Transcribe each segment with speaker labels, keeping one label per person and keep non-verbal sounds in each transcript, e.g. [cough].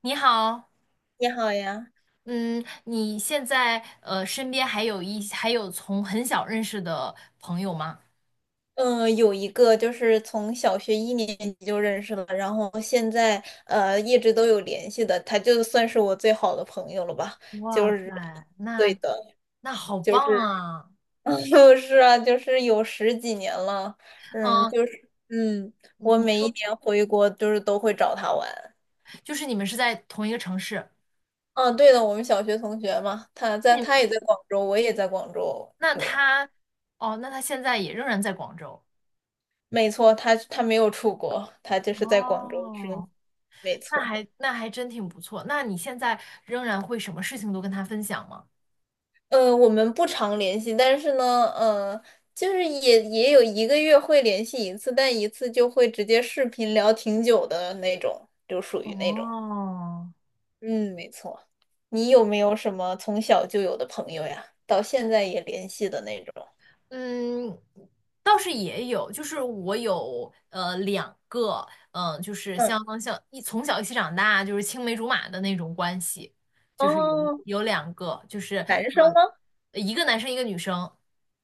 Speaker 1: 你好。
Speaker 2: 你好呀，
Speaker 1: 嗯，你现在身边还有还有从很小认识的朋友吗？
Speaker 2: 嗯，有一个就是从小学一年级就认识了，然后现在一直都有联系的，他就算是我最好的朋友了吧。
Speaker 1: 哇
Speaker 2: 就是，
Speaker 1: 塞，
Speaker 2: 对
Speaker 1: 那
Speaker 2: 的，
Speaker 1: 好
Speaker 2: 就
Speaker 1: 棒
Speaker 2: 是，
Speaker 1: 啊！
Speaker 2: [laughs] 就是啊，就是有十几年了。
Speaker 1: 嗯，
Speaker 2: 就是，我
Speaker 1: 你
Speaker 2: 每一
Speaker 1: 说
Speaker 2: 年回国就是都会找他玩。
Speaker 1: 你们是在同一个城市？
Speaker 2: 嗯，对的，我们小学同学嘛。
Speaker 1: 那你
Speaker 2: 他
Speaker 1: 们
Speaker 2: 也在广州，我也在广州，
Speaker 1: 那
Speaker 2: 就，
Speaker 1: 他哦，那他现在也仍然在广州？
Speaker 2: 没错，他没有出国，他就是在广州生活，
Speaker 1: 哦，
Speaker 2: 没错。
Speaker 1: 那还真挺不错。那你现在仍然会什么事情都跟他分享吗？
Speaker 2: 我们不常联系，但是呢，就是也有一个月会联系一次，但一次就会直接视频聊挺久的那种，就属于那种。
Speaker 1: 哦，
Speaker 2: 嗯，没错。你有没有什么从小就有的朋友呀？到现在也联系的那种？
Speaker 1: 嗯，倒是也有，就是我有两个。嗯、就是
Speaker 2: 嗯，
Speaker 1: 像从小一起长大，就是青梅竹马的那种关系，就是有
Speaker 2: 哦，
Speaker 1: 两个。就是
Speaker 2: 男生吗？
Speaker 1: 一个男生一个女生。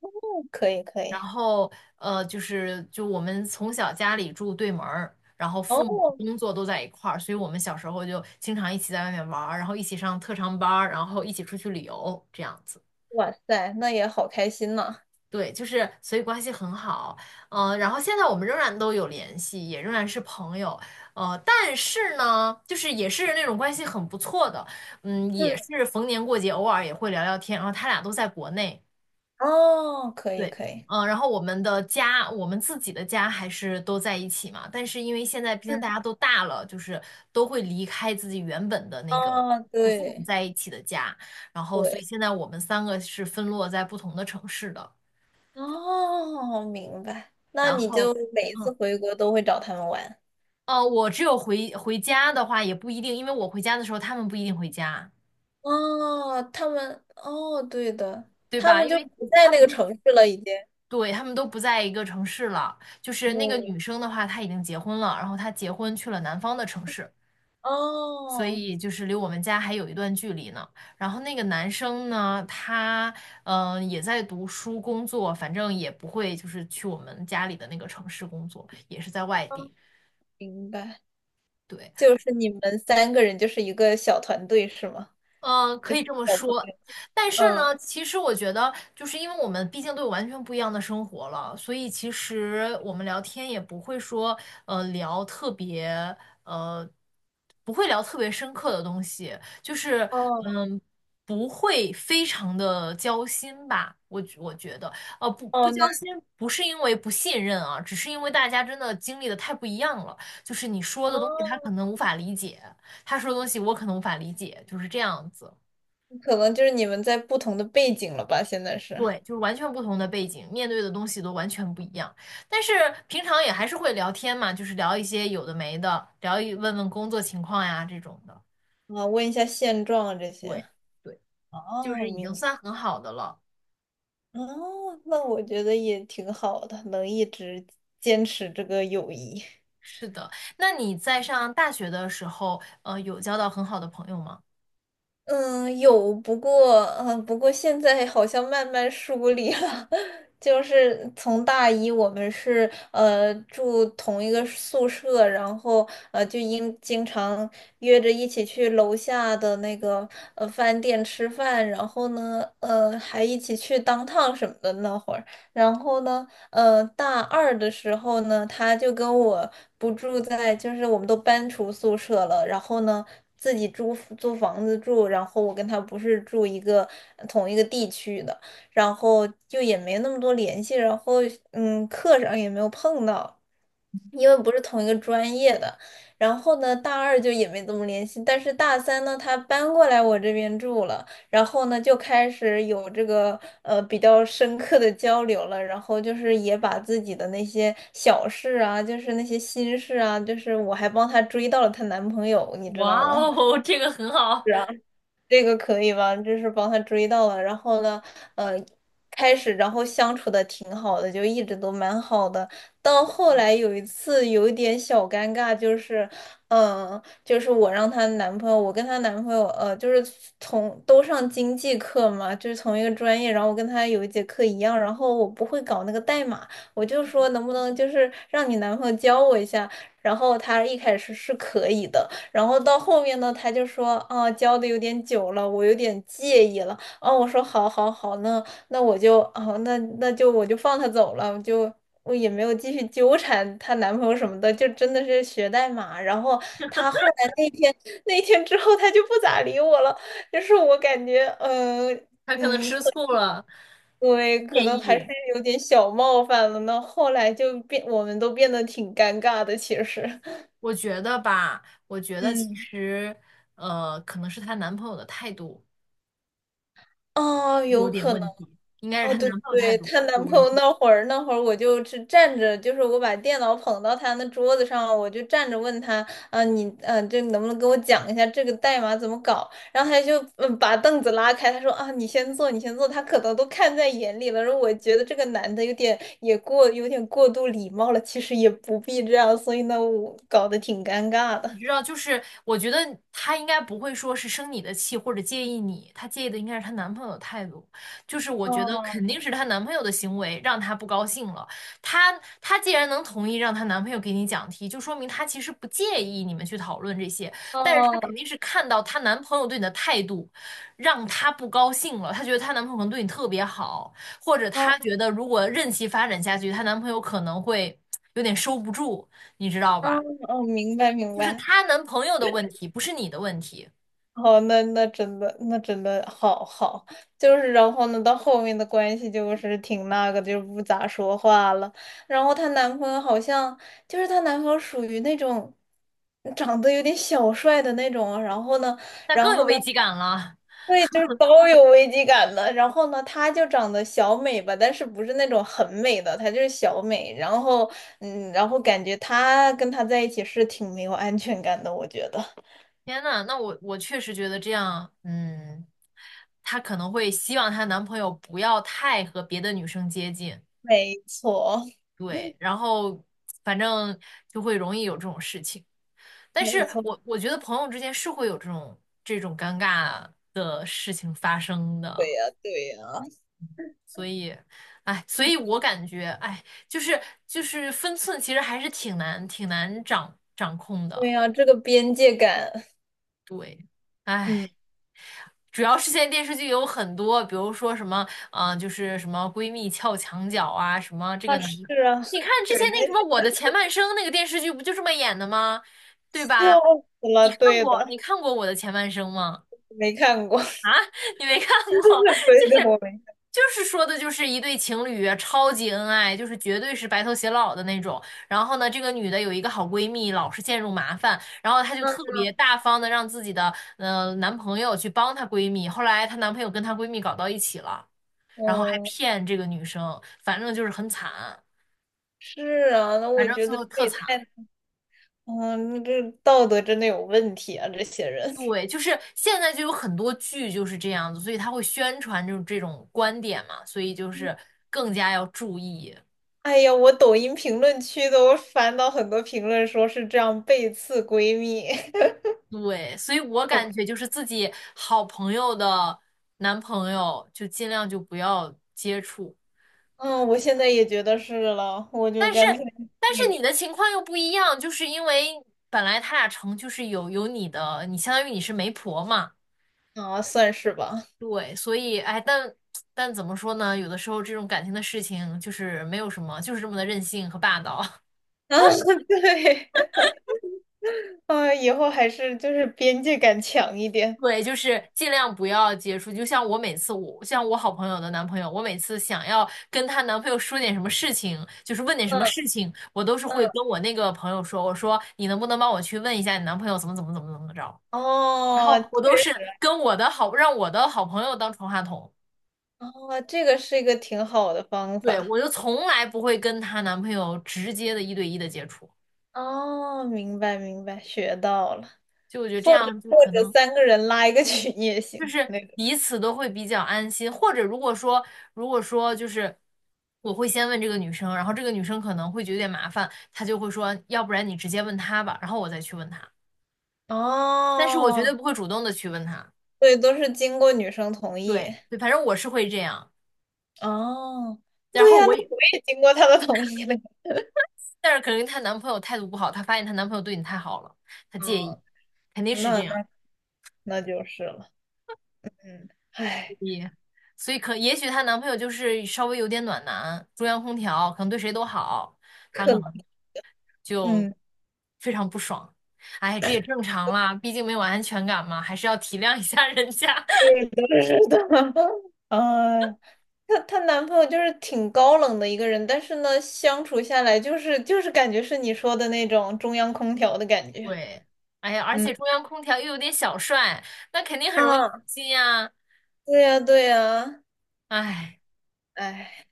Speaker 2: 嗯，可以可
Speaker 1: 然
Speaker 2: 以。
Speaker 1: 后就是我们从小家里住对门儿，然后父母
Speaker 2: 哦，
Speaker 1: 工作都在一块儿，所以我们小时候就经常一起在外面玩儿，然后一起上特长班儿，然后一起出去旅游这样子。
Speaker 2: 哇塞，那也好开心呐。
Speaker 1: 对，就是所以关系很好。嗯、然后现在我们仍然都有联系，也仍然是朋友。呃，但是呢，就是也是那种关系很不错的。嗯，也
Speaker 2: 嗯，
Speaker 1: 是逢年过节偶尔也会聊聊天，然后他俩都在国内。
Speaker 2: 哦，可以
Speaker 1: 对。
Speaker 2: 可以。
Speaker 1: 嗯、然后我们的家，我们自己的家还是都在一起嘛，但是因为现在毕
Speaker 2: 嗯，
Speaker 1: 竟大家都大了，就是都会离开自己原本的那个。
Speaker 2: 啊，
Speaker 1: 和父母
Speaker 2: 对
Speaker 1: 在一起的家，然后所以
Speaker 2: 对。
Speaker 1: 现在我们三个是分落在不同的城市的。
Speaker 2: 哦，明白。那
Speaker 1: 然
Speaker 2: 你
Speaker 1: 后。
Speaker 2: 就每一次
Speaker 1: 嗯，
Speaker 2: 回国都会找他们玩。
Speaker 1: 我只有回家的话也不一定，因为我回家的时候他们不一定回家，
Speaker 2: 哦，哦，对的，
Speaker 1: 对
Speaker 2: 他
Speaker 1: 吧？
Speaker 2: 们
Speaker 1: 因
Speaker 2: 就
Speaker 1: 为
Speaker 2: 不在
Speaker 1: 他
Speaker 2: 那
Speaker 1: 们
Speaker 2: 个
Speaker 1: 都
Speaker 2: 城市了，已经。
Speaker 1: 对，他们都不在一个城市了。就是那个女生的话，她已经结婚了，然后她结婚去了南方的城市，所
Speaker 2: 哦，
Speaker 1: 以就是离我们家还有一段距离呢。然后那个男生呢，他嗯、也在读书工作，反正也不会就是去我们家里的那个城市工作，也是在外
Speaker 2: 哦，
Speaker 1: 地。
Speaker 2: 明白。
Speaker 1: 对。
Speaker 2: 就是你们三个人就是一个小团队是吗？
Speaker 1: 嗯，
Speaker 2: 就
Speaker 1: 可
Speaker 2: 是
Speaker 1: 以这么
Speaker 2: 小朋
Speaker 1: 说。
Speaker 2: 友。
Speaker 1: 但是
Speaker 2: 嗯，
Speaker 1: 呢，其实我觉得，就是因为我们毕竟都有完全不一样的生活了，所以其实我们聊天也不会说，聊特别，呃，不会聊特别深刻的东西，就是，
Speaker 2: 哦，
Speaker 1: 嗯，不会非常的交心吧，我觉得。不
Speaker 2: 哦，那
Speaker 1: 交心，不是因为不信任啊，只是因为大家真的经历的太不一样了，就是你说的东西
Speaker 2: 哦，
Speaker 1: 他可能无法理解。他说的东西我可能无法理解，就是这样子。
Speaker 2: 可能就是你们在不同的背景了吧？现在是
Speaker 1: 对，就是完全不同的背景，面对的东西都完全不一样。但是平常也还是会聊天嘛，就是聊一些有的没的，问问工作情况呀这种的。
Speaker 2: 啊，问一下现状啊这些。
Speaker 1: 对。对，就
Speaker 2: 哦，
Speaker 1: 是已经
Speaker 2: 明白。
Speaker 1: 算很好的了。
Speaker 2: 哦，那我觉得也挺好的，能一直坚持这个友谊。
Speaker 1: 是的。那你在上大学的时候，有交到很好的朋友吗？
Speaker 2: 嗯，有，不过现在好像慢慢疏离了。[laughs] 就是从大一，我们是住同一个宿舍，然后就因经常约着一起去楼下的那个饭店吃饭。然后呢，还一起去当趟什么的那会儿。然后呢，大二的时候呢，他就跟我不住在，就是我们都搬出宿舍了，然后呢。自己租房子住，然后我跟他不是住同一个地区的。然后就也没那么多联系，然后课上也没有碰到，因为不是同一个专业的。然后呢，大二就也没怎么联系，但是大三呢，他搬过来我这边住了，然后呢就开始有这个比较深刻的交流了。然后就是也把自己的那些小事啊，就是那些心事啊，就是我还帮她追到了她男朋友，你知
Speaker 1: 哇
Speaker 2: 道吗？
Speaker 1: 哦，[laughs] 这个很好。
Speaker 2: 这个可以吧？就是帮他追到了，然后呢，呃，开始然后相处的挺好的，就一直都蛮好的。到后来有一次有一点小尴尬，就是我让她男朋友，我跟她男朋友，就是从都上经济课嘛，就是同一个专业，然后我跟她有一节课一样，然后我不会搞那个代码。我就说能不能就是让你男朋友教我一下，然后她一开始是可以的。然后到后面呢，他就说啊，教的有点久了，我有点介意了。啊，我说好好好，那我就啊，那就放他走了。我也没有继续纠缠她男朋友什么的，就真的是学代码。然后她后来那天之后，她就不咋理我了，就是我感觉，嗯、
Speaker 1: 他可能
Speaker 2: 嗯，
Speaker 1: 吃醋了，
Speaker 2: 对，可
Speaker 1: 介
Speaker 2: 能还是
Speaker 1: 意。
Speaker 2: 有点小冒犯了呢。后来我们都变得挺尴尬的，其实。
Speaker 1: 我觉得吧，我觉得其
Speaker 2: 嗯，
Speaker 1: 实，可能是她男朋友的态度。
Speaker 2: 哦，
Speaker 1: 有
Speaker 2: 有
Speaker 1: 点
Speaker 2: 可能。
Speaker 1: 问题，应该是
Speaker 2: 哦，
Speaker 1: 她男
Speaker 2: 对
Speaker 1: 朋友态
Speaker 2: 对，
Speaker 1: 度
Speaker 2: 她
Speaker 1: 有
Speaker 2: 男朋
Speaker 1: 问
Speaker 2: 友
Speaker 1: 题。
Speaker 2: 那会儿，我就是站着，就是我把电脑捧到她那桌子上，我就站着问她。啊，这能不能跟我讲一下这个代码怎么搞？然后她就把凳子拉开，她说啊，你先坐，你先坐，她可能都看在眼里了。然后我觉得这个男的有点过度礼貌了，其实也不必这样，所以呢，我搞得挺尴尬的。
Speaker 1: 你知道，就是我觉得她应该不会说是生你的气或者介意你，她介意的应该是她男朋友的态度。就是我觉得肯
Speaker 2: 哦
Speaker 1: 定是她男朋友的行为让她不高兴了。她既然能同意让她男朋友给你讲题，就说明她其实不介意你们去讨论这些，但是她
Speaker 2: 哦
Speaker 1: 肯定是看到她男朋友对你的态度，让她不高兴了。她觉得她男朋友可能对你特别好，或者
Speaker 2: 哦
Speaker 1: 她觉得如果任其发展下去，她男朋友可能会有点收不住，你知道
Speaker 2: 哦
Speaker 1: 吧？
Speaker 2: 哦，明白明
Speaker 1: 就是
Speaker 2: 白。
Speaker 1: 她男朋友的问题，不是你的问题。
Speaker 2: 哦，那真的好好。就是然后呢，到后面的关系就是挺那个的就不咋说话了。然后她男朋友好像就是她男朋友属于那种长得有点小帅的那种啊，然后呢，
Speaker 1: 那
Speaker 2: 然
Speaker 1: 更有
Speaker 2: 后呢，
Speaker 1: 危机感了。
Speaker 2: 对，就是包有危机感的。然后呢，她就长得小美吧，但是不是那种很美的，她就是小美。然后然后感觉她跟他在一起是挺没有安全感的，我觉得。
Speaker 1: 天呐，我确实觉得这样。嗯，她可能会希望她男朋友不要太和别的女生接近。
Speaker 2: 没错。
Speaker 1: 对，
Speaker 2: [laughs]
Speaker 1: 然后反正就会容易有这种事情。但
Speaker 2: 没
Speaker 1: 是
Speaker 2: 错，
Speaker 1: 我觉得朋友之间是会有这种尴尬的事情发生
Speaker 2: 对
Speaker 1: 的，
Speaker 2: 呀，对呀，
Speaker 1: 所以，哎，所以我感觉，哎，就是就是分寸其实还是挺难掌控
Speaker 2: 对
Speaker 1: 的。
Speaker 2: 呀，这个边界感，
Speaker 1: 对。
Speaker 2: 嗯，
Speaker 1: 唉，主要是现在电视剧有很多，比如说什么，嗯、就是什么闺蜜撬墙角啊，什么这个
Speaker 2: 啊，是
Speaker 1: 男的，
Speaker 2: 啊，
Speaker 1: 你看之
Speaker 2: 给
Speaker 1: 前
Speaker 2: 人
Speaker 1: 那个什么《我的前半生》那个电视剧不就这么演的吗？对
Speaker 2: 笑
Speaker 1: 吧？
Speaker 2: 死了，对
Speaker 1: 你
Speaker 2: 的。
Speaker 1: 看过《我的前半生》吗？
Speaker 2: 没看过。
Speaker 1: [laughs] 你没看过。
Speaker 2: [laughs] 对的，我没看
Speaker 1: 就是说的，就是一对情侣啊，超级恩爱，就是绝对是白头偕老的那种。然后呢，这个女的有一个好闺蜜，老是陷入麻烦，然后她就
Speaker 2: 过。
Speaker 1: 特别大方的让自己的男朋友去帮她闺蜜。后来她男朋友跟她闺蜜搞到一起了，然后还
Speaker 2: 嗯，
Speaker 1: 骗这个女生，反正就是很惨。
Speaker 2: 是啊，那
Speaker 1: 反
Speaker 2: 我
Speaker 1: 正
Speaker 2: 觉
Speaker 1: 最
Speaker 2: 得
Speaker 1: 后
Speaker 2: 这
Speaker 1: 特
Speaker 2: 也太，
Speaker 1: 惨。
Speaker 2: 嗯，这道德真的有问题啊，这些人。
Speaker 1: 对，就是现在就有很多剧就是这样子，所以他会宣传这种观点嘛，所以就是更加要注意。
Speaker 2: 哎呀，我抖音评论区都翻到很多评论，说是这样背刺闺蜜。
Speaker 1: 对，所以我感觉
Speaker 2: [laughs]
Speaker 1: 就是自己好朋友的男朋友就尽量就不要接触。
Speaker 2: 嗯，我现在也觉得是了，我就
Speaker 1: 但是
Speaker 2: 干脆
Speaker 1: 但
Speaker 2: 那
Speaker 1: 是
Speaker 2: 个。
Speaker 1: 你的情况又不一样，就是因为本来他俩成就是有你的，你相当于你是媒婆嘛。
Speaker 2: 啊，算是吧。[laughs]
Speaker 1: 对，所以哎，但怎么说呢？有的时候这种感情的事情就是没有什么，就是这么的任性和霸道。[laughs]
Speaker 2: 啊，对，啊，以后还是就是边界感强一点。
Speaker 1: 对，就是尽量不要接触。就像我每次我，像我好朋友的男朋友，我每次想要跟她男朋友说点什么事情，就是问点什么
Speaker 2: 嗯
Speaker 1: 事情，我都是
Speaker 2: 嗯，
Speaker 1: 会跟我那个朋友说，我说你能不能帮我去问一下你男朋友怎么怎么怎么怎么着？然
Speaker 2: 哦，
Speaker 1: 后我
Speaker 2: 确
Speaker 1: 都是
Speaker 2: 实。
Speaker 1: 跟我的好，让我的好朋友当传话筒。
Speaker 2: 哦，这个是一个挺好的方
Speaker 1: 对，
Speaker 2: 法。
Speaker 1: 我就从来不会跟她男朋友直接的一对一的接触，
Speaker 2: 哦，明白明白，学到了。
Speaker 1: 就我觉得这
Speaker 2: 或者
Speaker 1: 样就
Speaker 2: 或
Speaker 1: 可
Speaker 2: 者
Speaker 1: 能。
Speaker 2: 三个人拉一个群也
Speaker 1: 就
Speaker 2: 行，
Speaker 1: 是
Speaker 2: 那个。
Speaker 1: 彼此都会比较安心。或者如果说，就是我会先问这个女生，然后这个女生可能会觉得有点麻烦，她就会说，要不然你直接问她吧，然后我再去问她。但是我绝对
Speaker 2: 哦，
Speaker 1: 不会主动的去问她。
Speaker 2: 对，都是经过女生同意。
Speaker 1: 对对，反正我是会这样。
Speaker 2: 哦，
Speaker 1: 然
Speaker 2: 对
Speaker 1: 后
Speaker 2: 呀，那
Speaker 1: 我也，
Speaker 2: 我也经过她的同意了。
Speaker 1: 但是可能她男朋友态度不好，她发现她男朋友对你太好了，她介意，
Speaker 2: 哦，
Speaker 1: 肯定是
Speaker 2: 那
Speaker 1: 这样。
Speaker 2: 那那就是了。嗯，唉，
Speaker 1: 也，所以可也许她男朋友就是稍微有点暖男，中央空调，可能对谁都好，她
Speaker 2: 可
Speaker 1: 可
Speaker 2: 能，
Speaker 1: 能。就
Speaker 2: 嗯。
Speaker 1: 非常不爽。哎，这也正常啦，毕竟没有安全感嘛，还是要体谅一下人家。[laughs]
Speaker 2: 对的，是的，[laughs] 呃，她男朋友就是挺高冷的一个人，但是呢，相处下来就是感觉是你说的那种中央空调的感觉。
Speaker 1: 对，哎呀，而
Speaker 2: 嗯，
Speaker 1: 且中央空调又有点小帅，那肯定很容易
Speaker 2: 啊，
Speaker 1: 心呀。
Speaker 2: 对呀，对呀，
Speaker 1: 哎，
Speaker 2: 哎，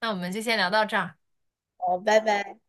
Speaker 1: 那我们就先聊到这儿。
Speaker 2: 好，拜拜。